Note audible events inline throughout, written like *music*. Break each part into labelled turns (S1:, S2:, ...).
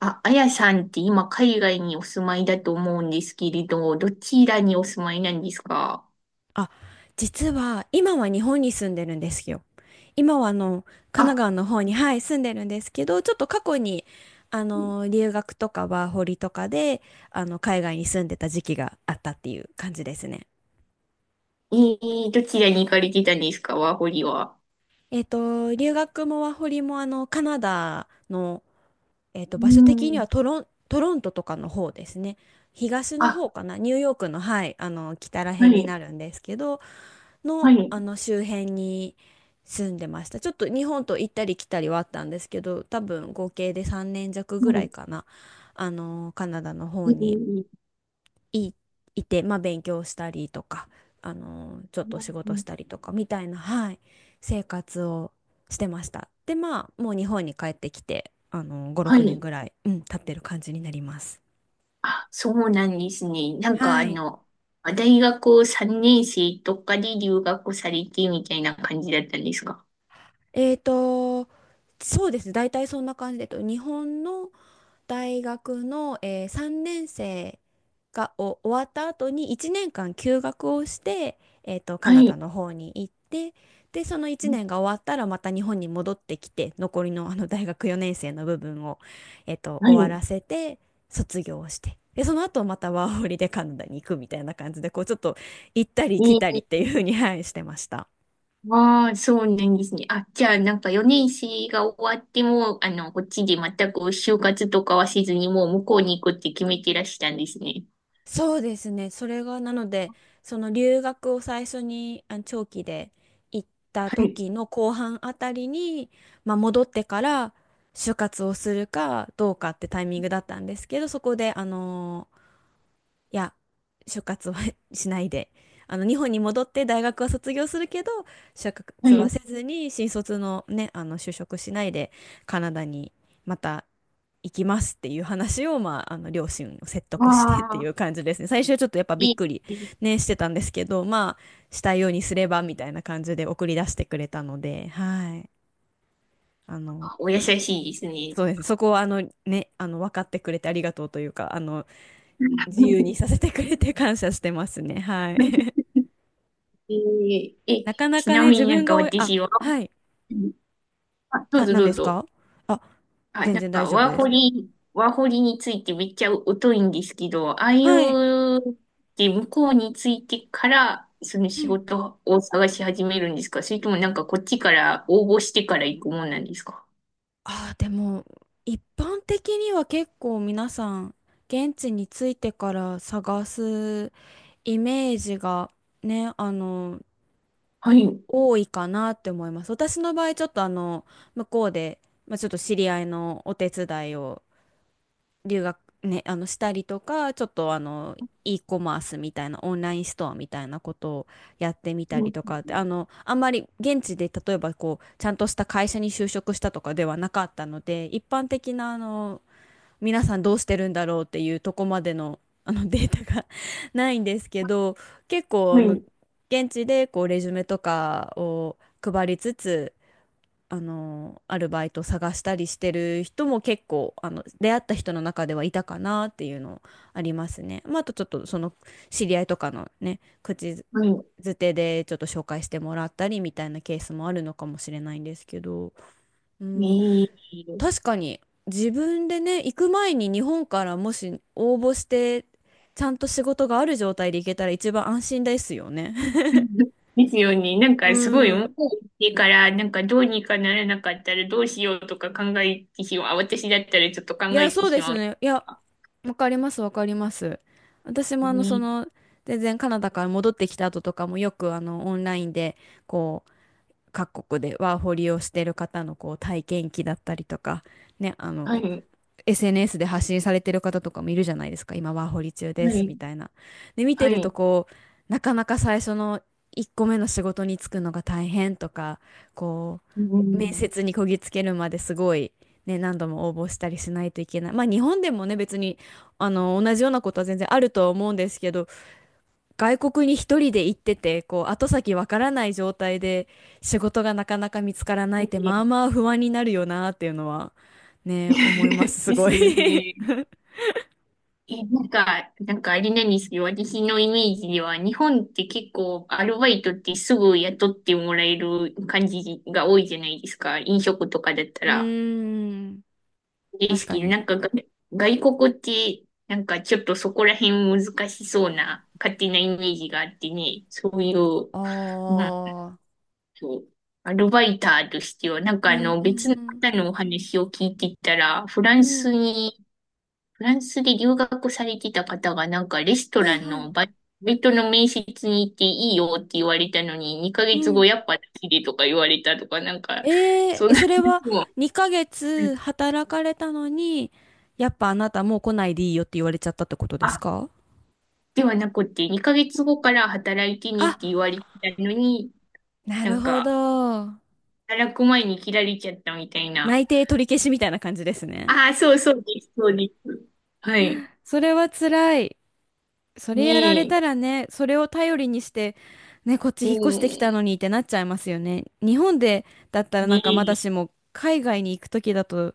S1: あ、あやさんって今海外にお住まいだと思うんですけれど、どちらにお住まいなんですか？
S2: あ、実は今は日本に住んでるんですよ。今は神奈
S1: あ。
S2: 川の方に、はい、住んでるんですけど、ちょっと過去に留学とかワーホリとかで海外に住んでた時期があったっていう感じですね。
S1: どちらに行かれてたんですかワーホリは？
S2: 留学もワーホリもカナダの、
S1: う
S2: 場所的に
S1: ん。
S2: はトロントとかの方ですね。東の
S1: あ、
S2: 方かな、ニューヨークの、はい、あの北ら
S1: は
S2: 辺に
S1: い、
S2: なるんですけど、
S1: は
S2: の、
S1: い、
S2: あの周辺に住んでました。ちょっと日本と行ったり来たりはあったんですけど、多分合計で3年弱ぐら
S1: は
S2: いかな、あのカナダの
S1: い、
S2: 方
S1: え
S2: に
S1: ー、
S2: い、いて、まあ、勉強したりとか、あのちょっ
S1: う
S2: と仕事し
S1: ん、
S2: たりとかみたいな、はい、生活をしてました。で、まあ、もう日本に帰ってきて、あの5、
S1: は
S2: 6年
S1: い。
S2: ぐらい、うん、経ってる感じになります。
S1: あ、そうなんですね。なんか
S2: はい。
S1: 大学3年生とかで留学されてみたいな感じだったんですか？
S2: えーと、そうですね。大体そんな感じで、日本の大学の、3年生が終わった後に1年間休学をして、カ
S1: は
S2: ナダ
S1: い、
S2: の方に行って、で、その1年が終わったらまた日本に戻ってきて、残りのあの大学4年生の部分を、
S1: は
S2: 終わ
S1: い。
S2: らせて、卒業をして。で、その後またワーホリでカナダに行くみたいな感じで、こうちょっと行ったり
S1: え
S2: 来たりっ
S1: ー
S2: ていうふうに、はい、してました。
S1: ああ、そうなんですね。あ、じゃあ、なんか4年生が終わっても、こっちで全く就活とかはせずに、もう向こうに行くって決めてらしたんですね。
S2: そうですね。それが、なので、その留学を最初に長期で行った
S1: はい。
S2: 時の後半あたりに、まあ、戻ってから就活をするかどうかってタイミングだったんですけど、そこで、いや、就活は *laughs* しないで、あの、日本に戻って大学は卒業するけど、就
S1: は
S2: 活は
S1: い。
S2: せずに、新卒のね、あの、就職しないで、カナダにまた行きますっていう話を、まあ、あの両親を説
S1: わ
S2: 得してってい
S1: あ、
S2: う感じですね。最初はちょっとやっぱび
S1: い
S2: っくり、
S1: い。
S2: ね、してたんですけど、まあしたいようにすればみたいな感じで送り出してくれたので、はい、あの、
S1: お優
S2: まあ
S1: しいですね。
S2: そうですね。そこはあの、ね、あの分かってくれてありがとうというか、あの自由
S1: *laughs*
S2: にさせてくれて感謝してますね。はい。
S1: えー
S2: *laughs*
S1: え、
S2: なかな
S1: ち
S2: か
S1: な
S2: ね、
S1: み
S2: 自
S1: にな
S2: 分
S1: んか
S2: があ、
S1: 私は、
S2: はい。
S1: あ、どう
S2: あ、
S1: ぞ
S2: 何
S1: ど
S2: で
S1: う
S2: す
S1: ぞ。
S2: か？あ、
S1: あ、
S2: 全
S1: なん
S2: 然大
S1: か、
S2: 丈夫
S1: ワー
S2: で
S1: ホ
S2: す。
S1: リ、ワーホリについてめっちゃ疎いんですけど、ああい
S2: はい。
S1: うで向こうについてから、その
S2: う
S1: 仕
S2: ん。
S1: 事を探し始めるんですか、それともなんかこっちから応募してから行くもんなんですか？
S2: ああ、でも、一般的には結構皆さん、現地に着いてから探すイメージがね、あの、
S1: はい。
S2: 多いかなって思います。私の場合、ちょっとあの、向こうで、まあ、ちょっと知り合いのお手伝いを留学ね、あのしたりとか、ちょっとあの、e コマースみたいなオンラインストアみたいなことをやってみた
S1: う
S2: り
S1: ん、
S2: とかって、あのあんまり現地で例えばこうちゃんとした会社に就職したとかではなかったので、一般的なあの皆さんどうしてるんだろうっていうとこまでの、あのデータが *laughs* ないんですけど、結構
S1: は
S2: あの
S1: い。
S2: 現地でこうレジュメとかを配りつつ、あのアルバイト探したりしてる人も結構あの出会った人の中ではいたかなっていうのありますね。まあ、あとちょっとその知り合いとかのね、口
S1: はい。
S2: づてでちょっと紹介してもらったりみたいなケースもあるのかもしれないんですけど、う
S1: え
S2: ん、
S1: ー。
S2: 確かに自分でね行く前に日本からもし応募してちゃんと仕事がある状態で行けたら一番安心ですよね。
S1: *laughs* ですよね。なん
S2: *laughs* う
S1: かすごい向
S2: ん。
S1: こう行ってから、なんかどうにかならなかったらどうしようとか考えてしまう。あ、私だったらちょっと考
S2: いや、
S1: えて
S2: そう
S1: し
S2: です
S1: まう。
S2: ね。いや、わかります、わかります。私もあの、そ
S1: ね。
S2: の、全然カナダから戻ってきた後とかもよくあの、オンラインで、こう、各国でワーホリをしてる方のこう体験記だったりとか、ね、あ
S1: は
S2: の、
S1: い。
S2: SNS で発信されてる方とかもいるじゃないですか。今ワーホリ中
S1: は
S2: ですみ
S1: い。
S2: たいな。で、見
S1: は
S2: てると
S1: い。
S2: こう、なかなか最初の1個目の仕事に就くのが大変とか、こ
S1: う
S2: う、面
S1: ん。
S2: 接にこぎつけるまですごい、ね、何度も応募したりしないといけない。まあ日本でもね、別に、あの、同じようなことは全然あるとは思うんですけど、外国に一人で行ってて、こう、後先わからない状態で仕事がなかなか見つからないって、まあまあ不安になるよなっていうのは、ね、思います、
S1: *laughs*
S2: す
S1: で
S2: ご
S1: す
S2: い。
S1: よ
S2: *laughs* う
S1: ね。え、なんか、あれなんですけど、私のイメージでは、日本って結構アルバイトってすぐ雇ってもらえる感じが多いじゃないですか。飲食とかだったら。
S2: ーん、
S1: で
S2: 確
S1: す
S2: か
S1: けど、な
S2: に。
S1: んかが外国って、なんかちょっとそこら辺難しそうな勝手なイメージがあってね、そういう、
S2: あ
S1: なん
S2: あ、
S1: と、アルバイターとしては、なんか
S2: うんうん
S1: 別の
S2: うん。
S1: 方のお話を聞いてたら、
S2: うん、
S1: フランスで留学されてた方がなんかレスト
S2: は
S1: ラ
S2: い
S1: ン
S2: はい。
S1: のバイトの面接に行っていいよって言われたのに、2
S2: う
S1: ヶ月後
S2: ん。
S1: やっぱ好きでとか言われたとか、なんか、
S2: えー、
S1: そん
S2: え、
S1: な
S2: それは
S1: 話も、
S2: 2ヶ月働かれたのに、やっぱあなたもう来ないでいいよって言われちゃったってことです
S1: あ、
S2: か？
S1: ではなくて、2ヶ月後から働いてねっ
S2: あ、
S1: て言われたのに、
S2: な
S1: な
S2: る
S1: ん
S2: ほ
S1: か、
S2: ど。
S1: 働く前に切られちゃったみたいな。
S2: 内定取り消しみたいな感じですね。
S1: ああ、そうそうです、そうです。はい。
S2: それは辛い。そ
S1: ね
S2: れやられ
S1: え、
S2: たらね、それを頼りにして、ね、こっち
S1: う
S2: 引っ越してきた
S1: ん、
S2: のにってなっちゃいますよね。日本でだったら
S1: ね
S2: なんかまだ
S1: え、
S2: しも、海外に行くときだと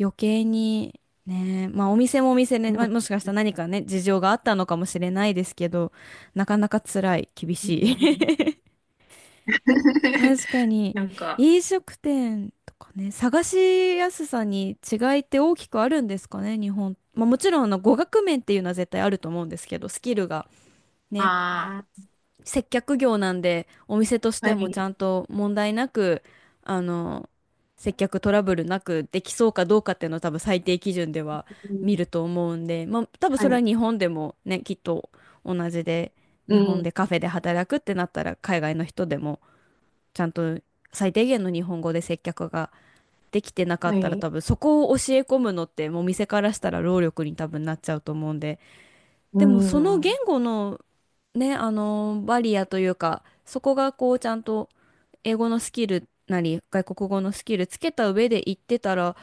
S2: 余計に、ね、まあお店もお店ね、
S1: う
S2: まあ、
S1: ん、
S2: もしかしたら何かね、事情があったのかもしれないですけど、なかなか辛い、厳しい。
S1: ね
S2: *laughs*
S1: え。*laughs*
S2: 確かに、
S1: なんか、
S2: 飲食店とかね、探しやすさに違いって大きくあるんですかね、日本。まあ、もちろんあの語学面っていうのは絶対あると思うんですけど、スキルがね、
S1: あ
S2: 接客業なんで、お店とし
S1: あ、
S2: て
S1: は
S2: もち
S1: い。
S2: ゃんと問題なく、あの、接客トラブルなくできそうかどうかっていうのは多分最低基準では
S1: う
S2: 見
S1: ん、
S2: ると思うんで、まあ、多分
S1: は
S2: それは
S1: い。
S2: 日本でもね、きっと同じで、
S1: う
S2: 日本
S1: ん、
S2: でカフェで働くってなったら海外の人でも。ちゃんと最低限の日本語で接客ができてなか
S1: は
S2: ったら
S1: い。
S2: 多分そこを教え込むのってもう店からしたら労力に多分なっちゃうと思うんで、
S1: う
S2: でもその言
S1: ん、
S2: 語のね、あのバリアというか、そこがこうちゃんと英語のスキルなり外国語のスキルつけた上で行ってたら、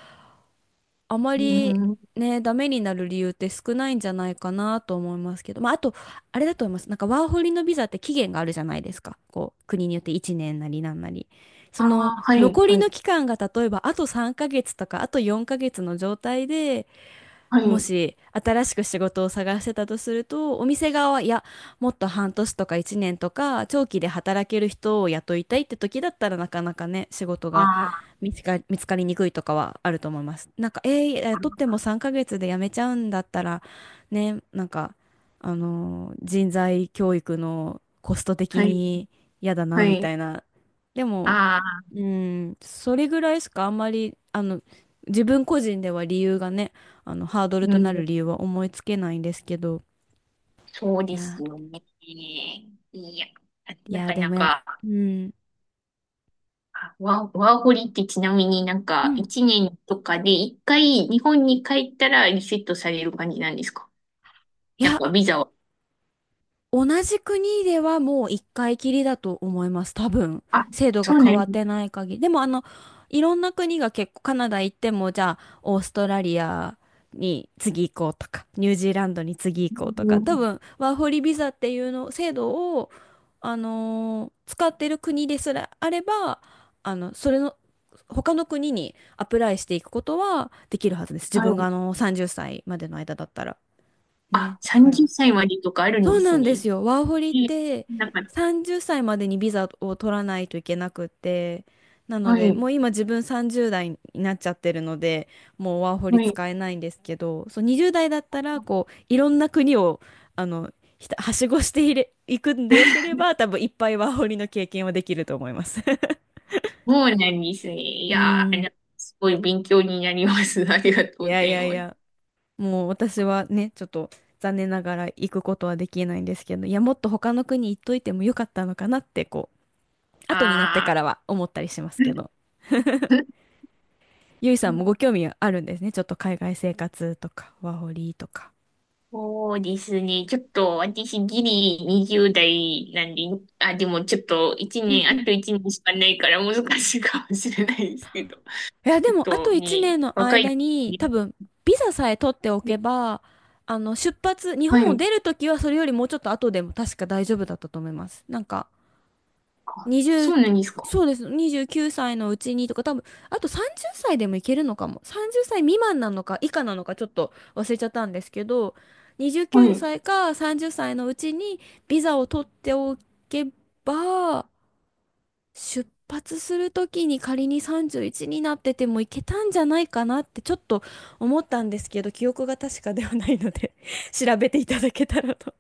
S2: あま
S1: う
S2: り
S1: ん。
S2: ね、ダメになる理由って少ないんじゃないかなと思いますけど、まあ、あと、あれだと思います。なんかワーホリのビザって期限があるじゃないですか。こう、国によって1年なりなんなり。
S1: あ
S2: その
S1: あ、はい、
S2: 残り
S1: はい、
S2: の期間が例えばあと3ヶ月とかあと4ヶ月の状態で
S1: は
S2: も
S1: い。
S2: し新しく仕事を探してたとすると、お店側は、いや、もっと半年とか1年とか、長期で働ける人を雇いたいって時だったらなかなかね、仕事が
S1: あ
S2: 見つかりにくいとかはあると思います。なんか、えー、雇っ
S1: あ、
S2: ても3ヶ月で辞めちゃうんだったら、ね、なんか、あのー人材教育のコスト的
S1: はい、
S2: に嫌だな、
S1: は
S2: みた
S1: い。
S2: いな。でも、
S1: ああ、
S2: うん、それぐらいしかあんまり、あの、自分個人では理由がね、あの、ハードル
S1: う
S2: となる
S1: ん、
S2: 理由は思いつけないんですけど、
S1: そう
S2: い
S1: です
S2: や、
S1: よね。いや、
S2: い
S1: な
S2: や、
S1: か
S2: で
S1: な
S2: もやっ、
S1: か、
S2: うん、
S1: ワーホリってちなみになん
S2: う
S1: か、
S2: ん、
S1: 一年とかで一回日本に帰ったらリセットされる感じなんですか、
S2: い
S1: なん
S2: や、
S1: かビザは？
S2: 同じ国ではもう一回きりだと思います。多分。
S1: あ、
S2: 制度
S1: そ
S2: が
S1: うな
S2: 変わ
S1: ん
S2: っ
S1: で
S2: て
S1: す。
S2: ない限り。でもあの、いろんな国が結構カナダ行っても、じゃあ、オーストラリアに次行こうとか、ニュージーランドに次行こうと
S1: う
S2: か、多
S1: ん、
S2: 分、ワーホリビザっていうの、制度を、あのー使ってる国ですらあれば、あの、それの、他の国にアプライしていくことはできるはずです。自
S1: は
S2: 分があ
S1: い。
S2: の、30歳までの間だったら。
S1: あ、
S2: ね。だから、
S1: 30歳までとかあるん
S2: そ
S1: で
S2: う
S1: す
S2: なんで
S1: ね。
S2: すよ。ワーホリっ
S1: え、
S2: て
S1: なんか、
S2: 30歳までにビザを取らないといけなくって、なの
S1: は
S2: で、
S1: い。
S2: もう今自分30代になっちゃってるので、もうワーホリ
S1: はい。
S2: 使えないんですけど、そう20代だったら、こう、いろんな国を、あの、ひたはしごしていれ、いくんでよけれ
S1: *laughs*
S2: ば、多分いっぱいワーホリの経験はできると思います。*laughs*
S1: そうなんですね。い
S2: う
S1: やー、
S2: ん。
S1: すごい勉強になります。*laughs* ありがとう
S2: *laughs* い
S1: ご
S2: や
S1: ざ
S2: い
S1: い
S2: やい
S1: ます。
S2: や、もう私はね、ちょっと残念ながら行くことはできないんですけど、いや、もっと他の国行っといてもよかったのかなって、こう、後になって
S1: あ
S2: からは思ったりしますけど、
S1: ー、
S2: ゆいさんもご興
S1: *laughs*
S2: 味あるんですね。ちょっと海外生活とか、ワーホリとか。
S1: そうですね。ちょっと私ギリ20代なんで、あ、でもちょっと1
S2: うん
S1: 年、
S2: う
S1: あ
S2: ん。い
S1: と1年しかないから難しいかもしれないですけど。
S2: や、
S1: ち
S2: で
S1: ょっ
S2: も、あと
S1: と
S2: 1年
S1: ね、
S2: の
S1: 若い、
S2: 間に、
S1: ね。
S2: 多分、ビザさえ取っておけば、あの、出発、日
S1: は
S2: 本を
S1: い。
S2: 出るときは、それよりもうちょっと後でも確か大丈夫だったと思います。なんか、
S1: あ、そ
S2: 20、
S1: うなんですか。
S2: そうです。29歳のうちにとか、多分、あと30歳でもいけるのかも。30歳未満なのか以下なのかちょっと忘れちゃったんですけど、29
S1: はい。
S2: 歳か30歳のうちにビザを取っておけば、出発するときに仮に31になっててもいけたんじゃないかなってちょっと思ったんですけど、記憶が確かではないので *laughs* 調べていただけたらと